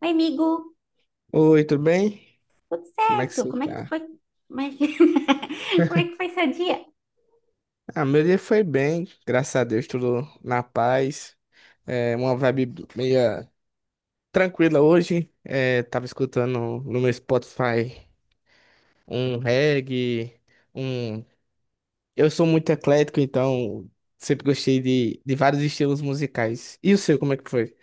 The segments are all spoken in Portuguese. Oi, amigo, Oi, tudo bem? tudo Como é que certo? você Como é que tá? foi? Como é que, como é que foi seu dia? Ah, meu dia foi bem, graças a Deus, tudo na paz. É uma vibe meia tranquila hoje. É, tava escutando no meu Spotify um reggae, um. Eu sou muito eclético, então sempre gostei de vários estilos musicais. E o seu, como é que foi?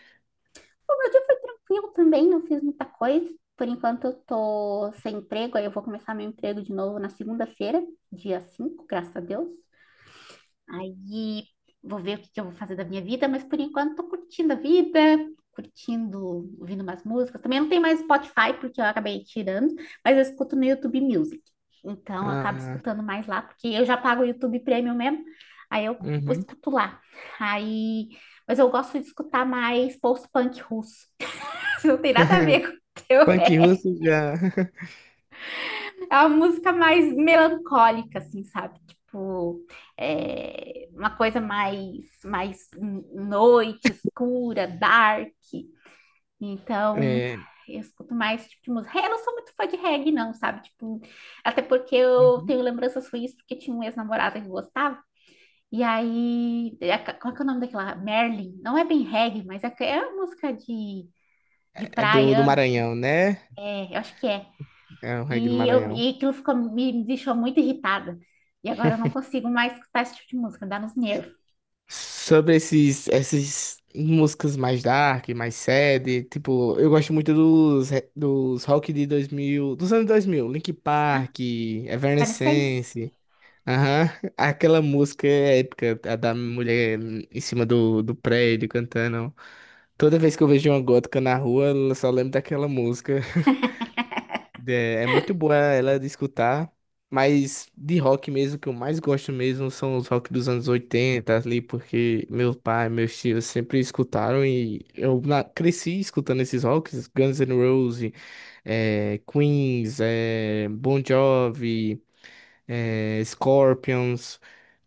O meu dia foi tranquilo também, não fiz muita coisa. Por enquanto eu tô sem emprego, aí eu vou começar meu emprego de novo na segunda-feira, dia cinco, graças a Deus. Aí vou ver o que que eu vou fazer da minha vida, mas por enquanto tô curtindo a vida, curtindo, ouvindo umas músicas. Também não tem mais Spotify, porque eu acabei tirando, mas eu escuto no YouTube Music. Então, eu acabo Ah, escutando mais lá, porque eu já pago o YouTube Premium mesmo, aí eu uhum. escuto lá. Aí, mas eu gosto de escutar mais post-punk russo. Não tem nada a ver com o teu, Punk russo já. é uma música mais melancólica, assim, sabe? Tipo, é uma coisa mais noite, escura, dark. Então, É, eu escuto mais tipo de música. Eu não sou muito fã de reggae, não, sabe? Tipo, até porque eu uhum. tenho lembranças ruins, porque tinha um ex-namorado que gostava. E aí, é, qual que é o nome daquela? Merlin. Não é bem reggae, mas é uma música de É do praia, Ana. Maranhão, né? É, eu acho que é. É o reggae do E, eu, Maranhão. e aquilo ficou, me deixou muito irritada. E agora eu não consigo mais escutar esse tipo de música, dá nos nervos. Sobre essas músicas mais dark, mais sad, tipo, eu gosto muito dos rock de 2000, dos anos 2000, Linkin Ah, Park, Evanescence? Evanescence, aham. Aquela música épica, a da mulher em cima do prédio cantando. Toda vez que eu vejo uma gótica na rua, eu só lembro daquela música. É muito boa ela de escutar, mas de rock mesmo, que eu mais gosto mesmo são os rock dos anos 80 ali, porque meu pai, meus tios sempre escutaram e eu cresci escutando esses rocks, Guns N' Roses, Queens, Bon Jovi, Scorpions,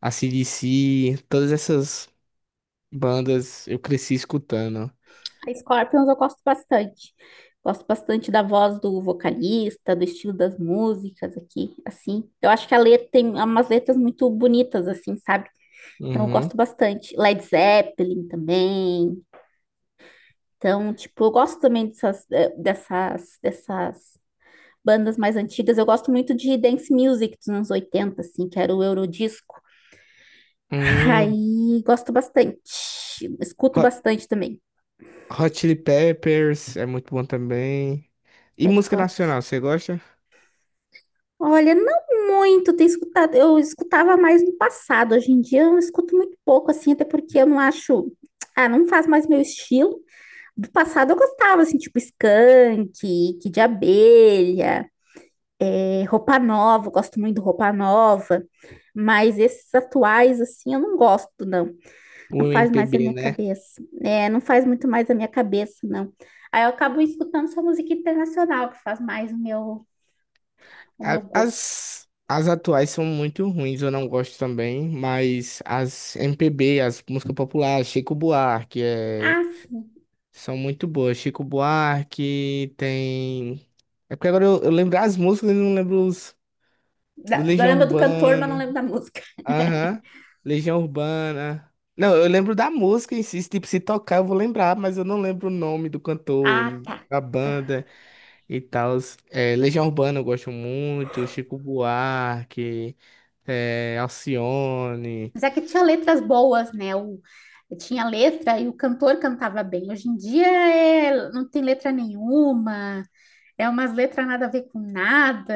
AC/DC, todas essas bandas eu cresci escutando. Scorpions eu gosto bastante. Gosto bastante da voz do vocalista, do estilo das músicas aqui, assim. Eu acho que a letra tem umas letras muito bonitas, assim, sabe? Então eu Uhum. gosto bastante. Led Zeppelin também. Então, tipo, eu gosto também dessas, dessas bandas mais antigas. Eu gosto muito de dance music dos anos 80, assim, que era o Eurodisco. Hum. Aí gosto bastante. Escuto bastante também. Hot Chili Peppers é muito bom também. E Red música Hot. nacional, você gosta? Olha, não muito tenho escutado. Eu escutava mais no passado. Hoje em dia eu escuto muito pouco, assim, até porque eu não acho. Ah, não faz mais meu estilo. Do passado eu gostava, assim, tipo Skank, Kid de Abelha, é, Roupa Nova, eu gosto muito do Roupa Nova. Mas esses atuais, assim, eu não gosto, não. Não O faz mais a MPB, minha né? cabeça. É, não faz muito mais a minha cabeça, não. Aí eu acabo escutando só música internacional, que faz mais o meu A- gosto. As, as atuais são muito ruins, eu não gosto também, mas as MPB, as músicas populares, Chico Buarque, Ah, sim. são muito boas. Chico Buarque tem. É porque agora eu lembro as músicas e não lembro os do Da, eu Legião lembro do cantor, mas não Urbana. lembro da música. Aham. Legião Urbana. Não, eu lembro da música em si, tipo, se tocar eu vou lembrar, mas eu não lembro o nome do cantor, Ah, tá. da banda e tal. É, Legião Urbana eu gosto muito, Chico Buarque, Alcione. Mas é que tinha letras boas, né? O, tinha letra e o cantor cantava bem. Hoje em dia é, não tem letra nenhuma, é umas letras nada a ver com nada.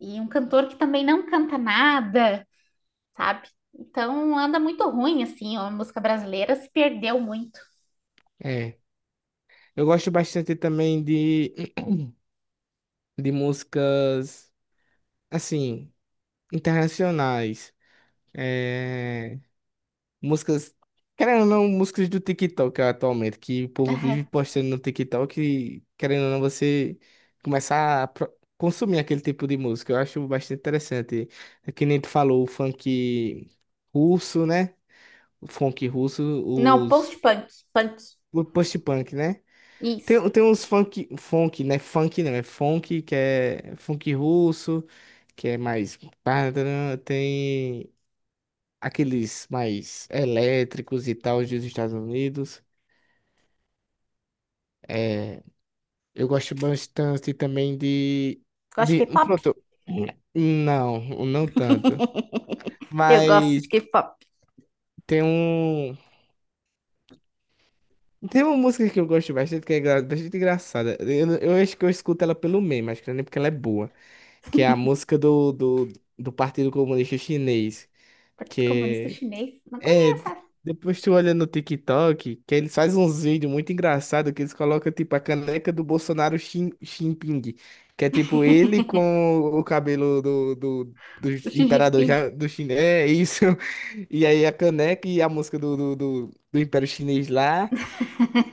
E um cantor que também não canta nada, sabe? Então anda muito ruim, assim, ó, a música brasileira se perdeu muito. É. Eu gosto bastante também de músicas, assim, internacionais. é Músicas, querendo ou não, músicas do TikTok atualmente, que o povo Aham. vive postando no TikTok e, querendo ou não, você começar a consumir aquele tipo de música. Eu acho bastante interessante. É que nem tu falou, o funk russo, né? O funk russo, Não, os. post-punk, punk, O post-punk, né? isso. Tem uns funk, né? Funk não, é funk, que é funk russo, que é mais. Tem aqueles mais elétricos e tal dos Estados Unidos. É, eu gosto bastante também de, Gosto de. de Um, K-pop? pronto. Não, não tanto. Eu gosto de Mas K-pop. tem um. Tem uma música que eu gosto bastante, que é bastante engraçada. Eu acho que eu escuto ela pelo meme, acho que não é nem porque ela é boa. Que é a música do Partido Comunista Chinês. Partido Comunista Que Chinês, não é É, conheço essa. depois tu olha no TikTok, que eles fazem uns vídeos muito engraçados, que eles colocam, tipo, a caneca do Bolsonaro Xi Jinping, que é, tipo, ele com o cabelo do O Xi imperador Jinping. já, do chinês, é isso. E aí a caneca e a música do Império Chinês lá,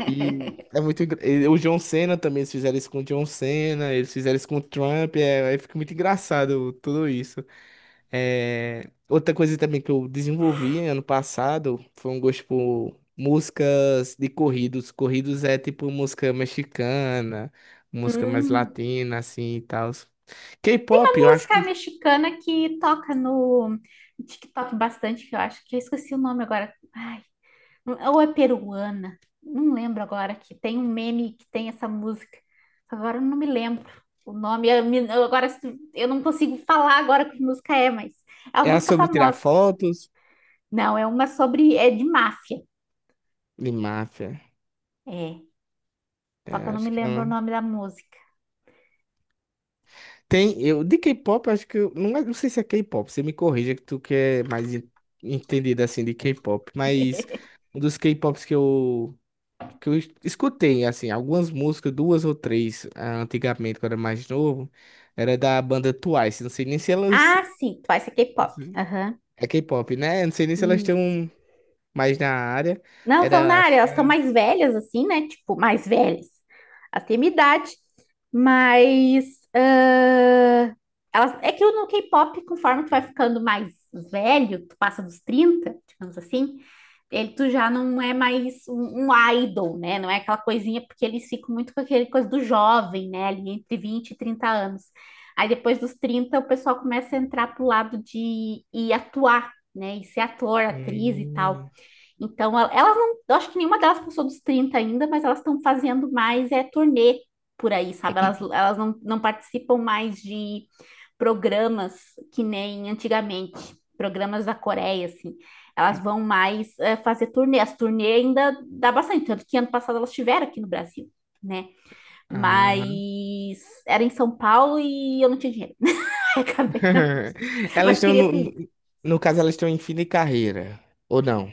e é muito. E o John Cena também, eles fizeram isso com o John Cena, eles fizeram isso com o Trump, aí fica muito engraçado tudo isso. É, outra coisa também que eu desenvolvi ano passado foi um gosto por músicas de corridos. Corridos é tipo música mexicana, música mais Hum. latina, assim e tal. K-pop, eu acho Música que mexicana que toca no TikTok bastante, que eu acho que eu esqueci o nome agora. Ai, ou é peruana, não lembro agora, que tem um meme que tem essa música. Agora eu não me lembro o nome. Eu, me- eu agora se- eu não consigo falar agora que música é, mas é uma é a música sobre tirar famosa. fotos Não, é uma sobre, é de máfia. de máfia. É, só que É, eu não me acho que é lembro o uma. nome da música. Tem, eu, de K-pop, eu acho que, não, não sei se é K-pop, você me corrija que tu que é mais entendido, assim, de K-pop, mas um dos K-pops que eu escutei, assim, algumas músicas, duas ou três, ah, antigamente, quando era mais novo, era da banda Twice. Não sei nem se elas. Ah, sim, Twice é K-pop. Sim. Aham. É K-pop, né? Não sei nem se elas Isso. estão mais na área. Não estão na Era. área, Acho que elas estão era. mais velhas, assim, né? Tipo, mais velhas. Elas têm minha idade, mas ah, elas, é que no K-pop, conforme tu vai ficando mais velho, tu passa dos 30, digamos assim, ele, tu já não é mais um, um idol, né? Não é aquela coisinha, porque eles ficam muito com aquele coisa do jovem, né? Ali entre 20 e 30 anos. Aí depois dos 30 o pessoal começa a entrar pro lado de ir atuar, né? E ser ator, atriz e tal. Hum, Então, el- elas não, eu acho que nenhuma delas passou dos 30 ainda, mas elas estão fazendo mais é turnê por aí, sabe? Elas não, não participam mais de programas que nem antigamente, programas da Coreia, assim. Elas vão mais é, fazer turnê. As turnê ainda dá bastante, tanto que ano passado elas estiveram aqui no Brasil, né? ah. Mas era em São Paulo e eu não tinha dinheiro. Acabei não, Elas mas estão queria no. ter ido. No caso, elas estão em fim de carreira. Ou não?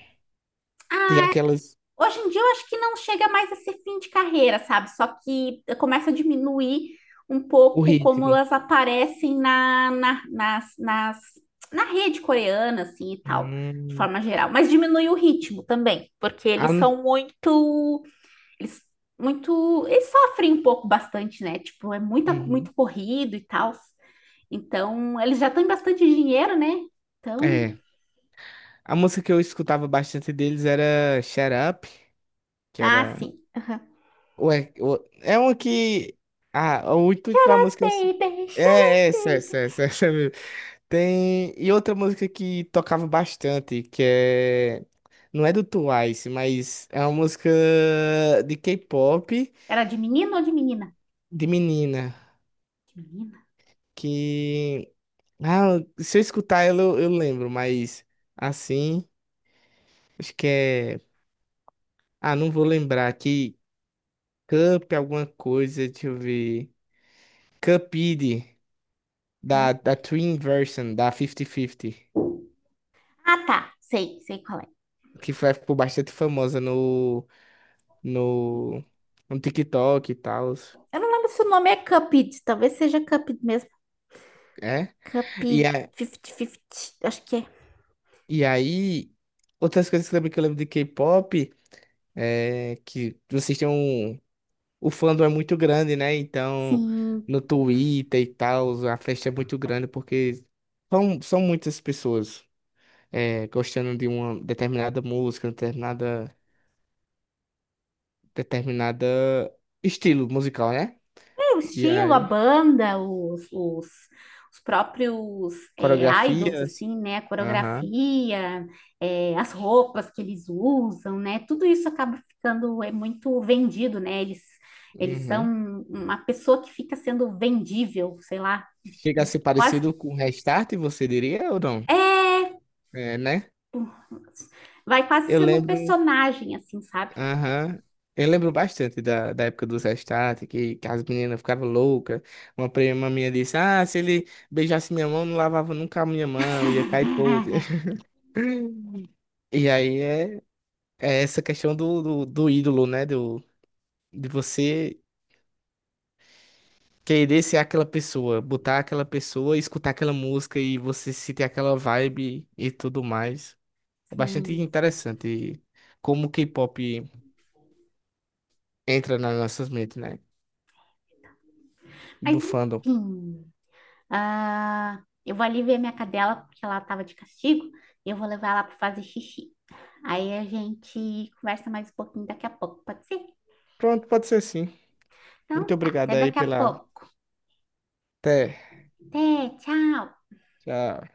Já que elas. Hoje em dia eu acho que não chega mais a ser fim de carreira, sabe? Só que começa a diminuir um O pouco como ritmo. elas aparecem nas na rede coreana, assim, e tal, de Hum. forma geral. Mas diminui o ritmo também, porque A, eles são Eles, muito, eles sofrem um pouco bastante, né? Tipo, é muita, uhum. muito corrido e tal. Então, eles já têm bastante dinheiro, né? Então, É. A música que eu escutava bastante deles era Shut Up, que ah, era. sim. Aham. Ué, é uma que. Ah, o intuito da música. Baby, É, shut é, é, essa, essa, up. essa, essa mesmo. Tem. E outra música que tocava bastante, que é. Não é do Twice, mas é uma música de K-pop Era de menino ou de menina? de menina. De menina. Que. Ah, se eu escutar ela, eu lembro, mas assim. Acho que é. Ah, não vou lembrar. Que Cup, alguma coisa, deixa eu ver. Cupid. Cup. Da Twin Version, da 50-50, Ah, tá. Sei, sei qual é. que foi, ficou bastante famosa no, no TikTok e tal. Eu não lembro se o nome é Cupid. Talvez seja Cupid mesmo. É? E, Cupid a, 50-50. Acho que é. e aí, outras coisas que eu lembro de K-pop é que vocês têm um. O fandom é muito grande, né? Então, Sim. no Twitter e tal, a festa é muito grande porque são muitas pessoas gostando de uma determinada música, determinada estilo musical, né? É, o E estilo, a aí, banda, os próprios é, idols, coreografias? assim, né? A Aham. coreografia, é, as roupas que eles usam, né? Tudo isso acaba ficando é, muito vendido, né? Eles Uhum. são uma pessoa que fica sendo vendível, sei lá, Chega a ser quase. parecido com Restart, você diria ou não? É, né? Vai quase Eu sendo um lembro. personagem, assim, sabe? Aham. Eu lembro bastante da época do Restart, que as meninas ficavam loucas. Uma prima minha disse: Ah, se ele beijasse minha mão, não lavava nunca a minha mão, ia cair podre. E aí é essa questão do ídolo, né? De você querer ser aquela pessoa, botar aquela pessoa, escutar aquela música e você sentir aquela vibe e tudo mais. É bastante Sim. interessante como o K-pop entra nas nossas mentes, né? Mas Do fandom. enfim. Ah, eu vou ali ver minha cadela, porque ela tava de castigo. E eu vou levar ela para fazer xixi. Aí a gente conversa mais um pouquinho daqui a pouco, pode ser? Pronto, pode ser sim. Muito Então tá, obrigado até aí daqui a pela. pouco. Até. Até, tchau. Tchau.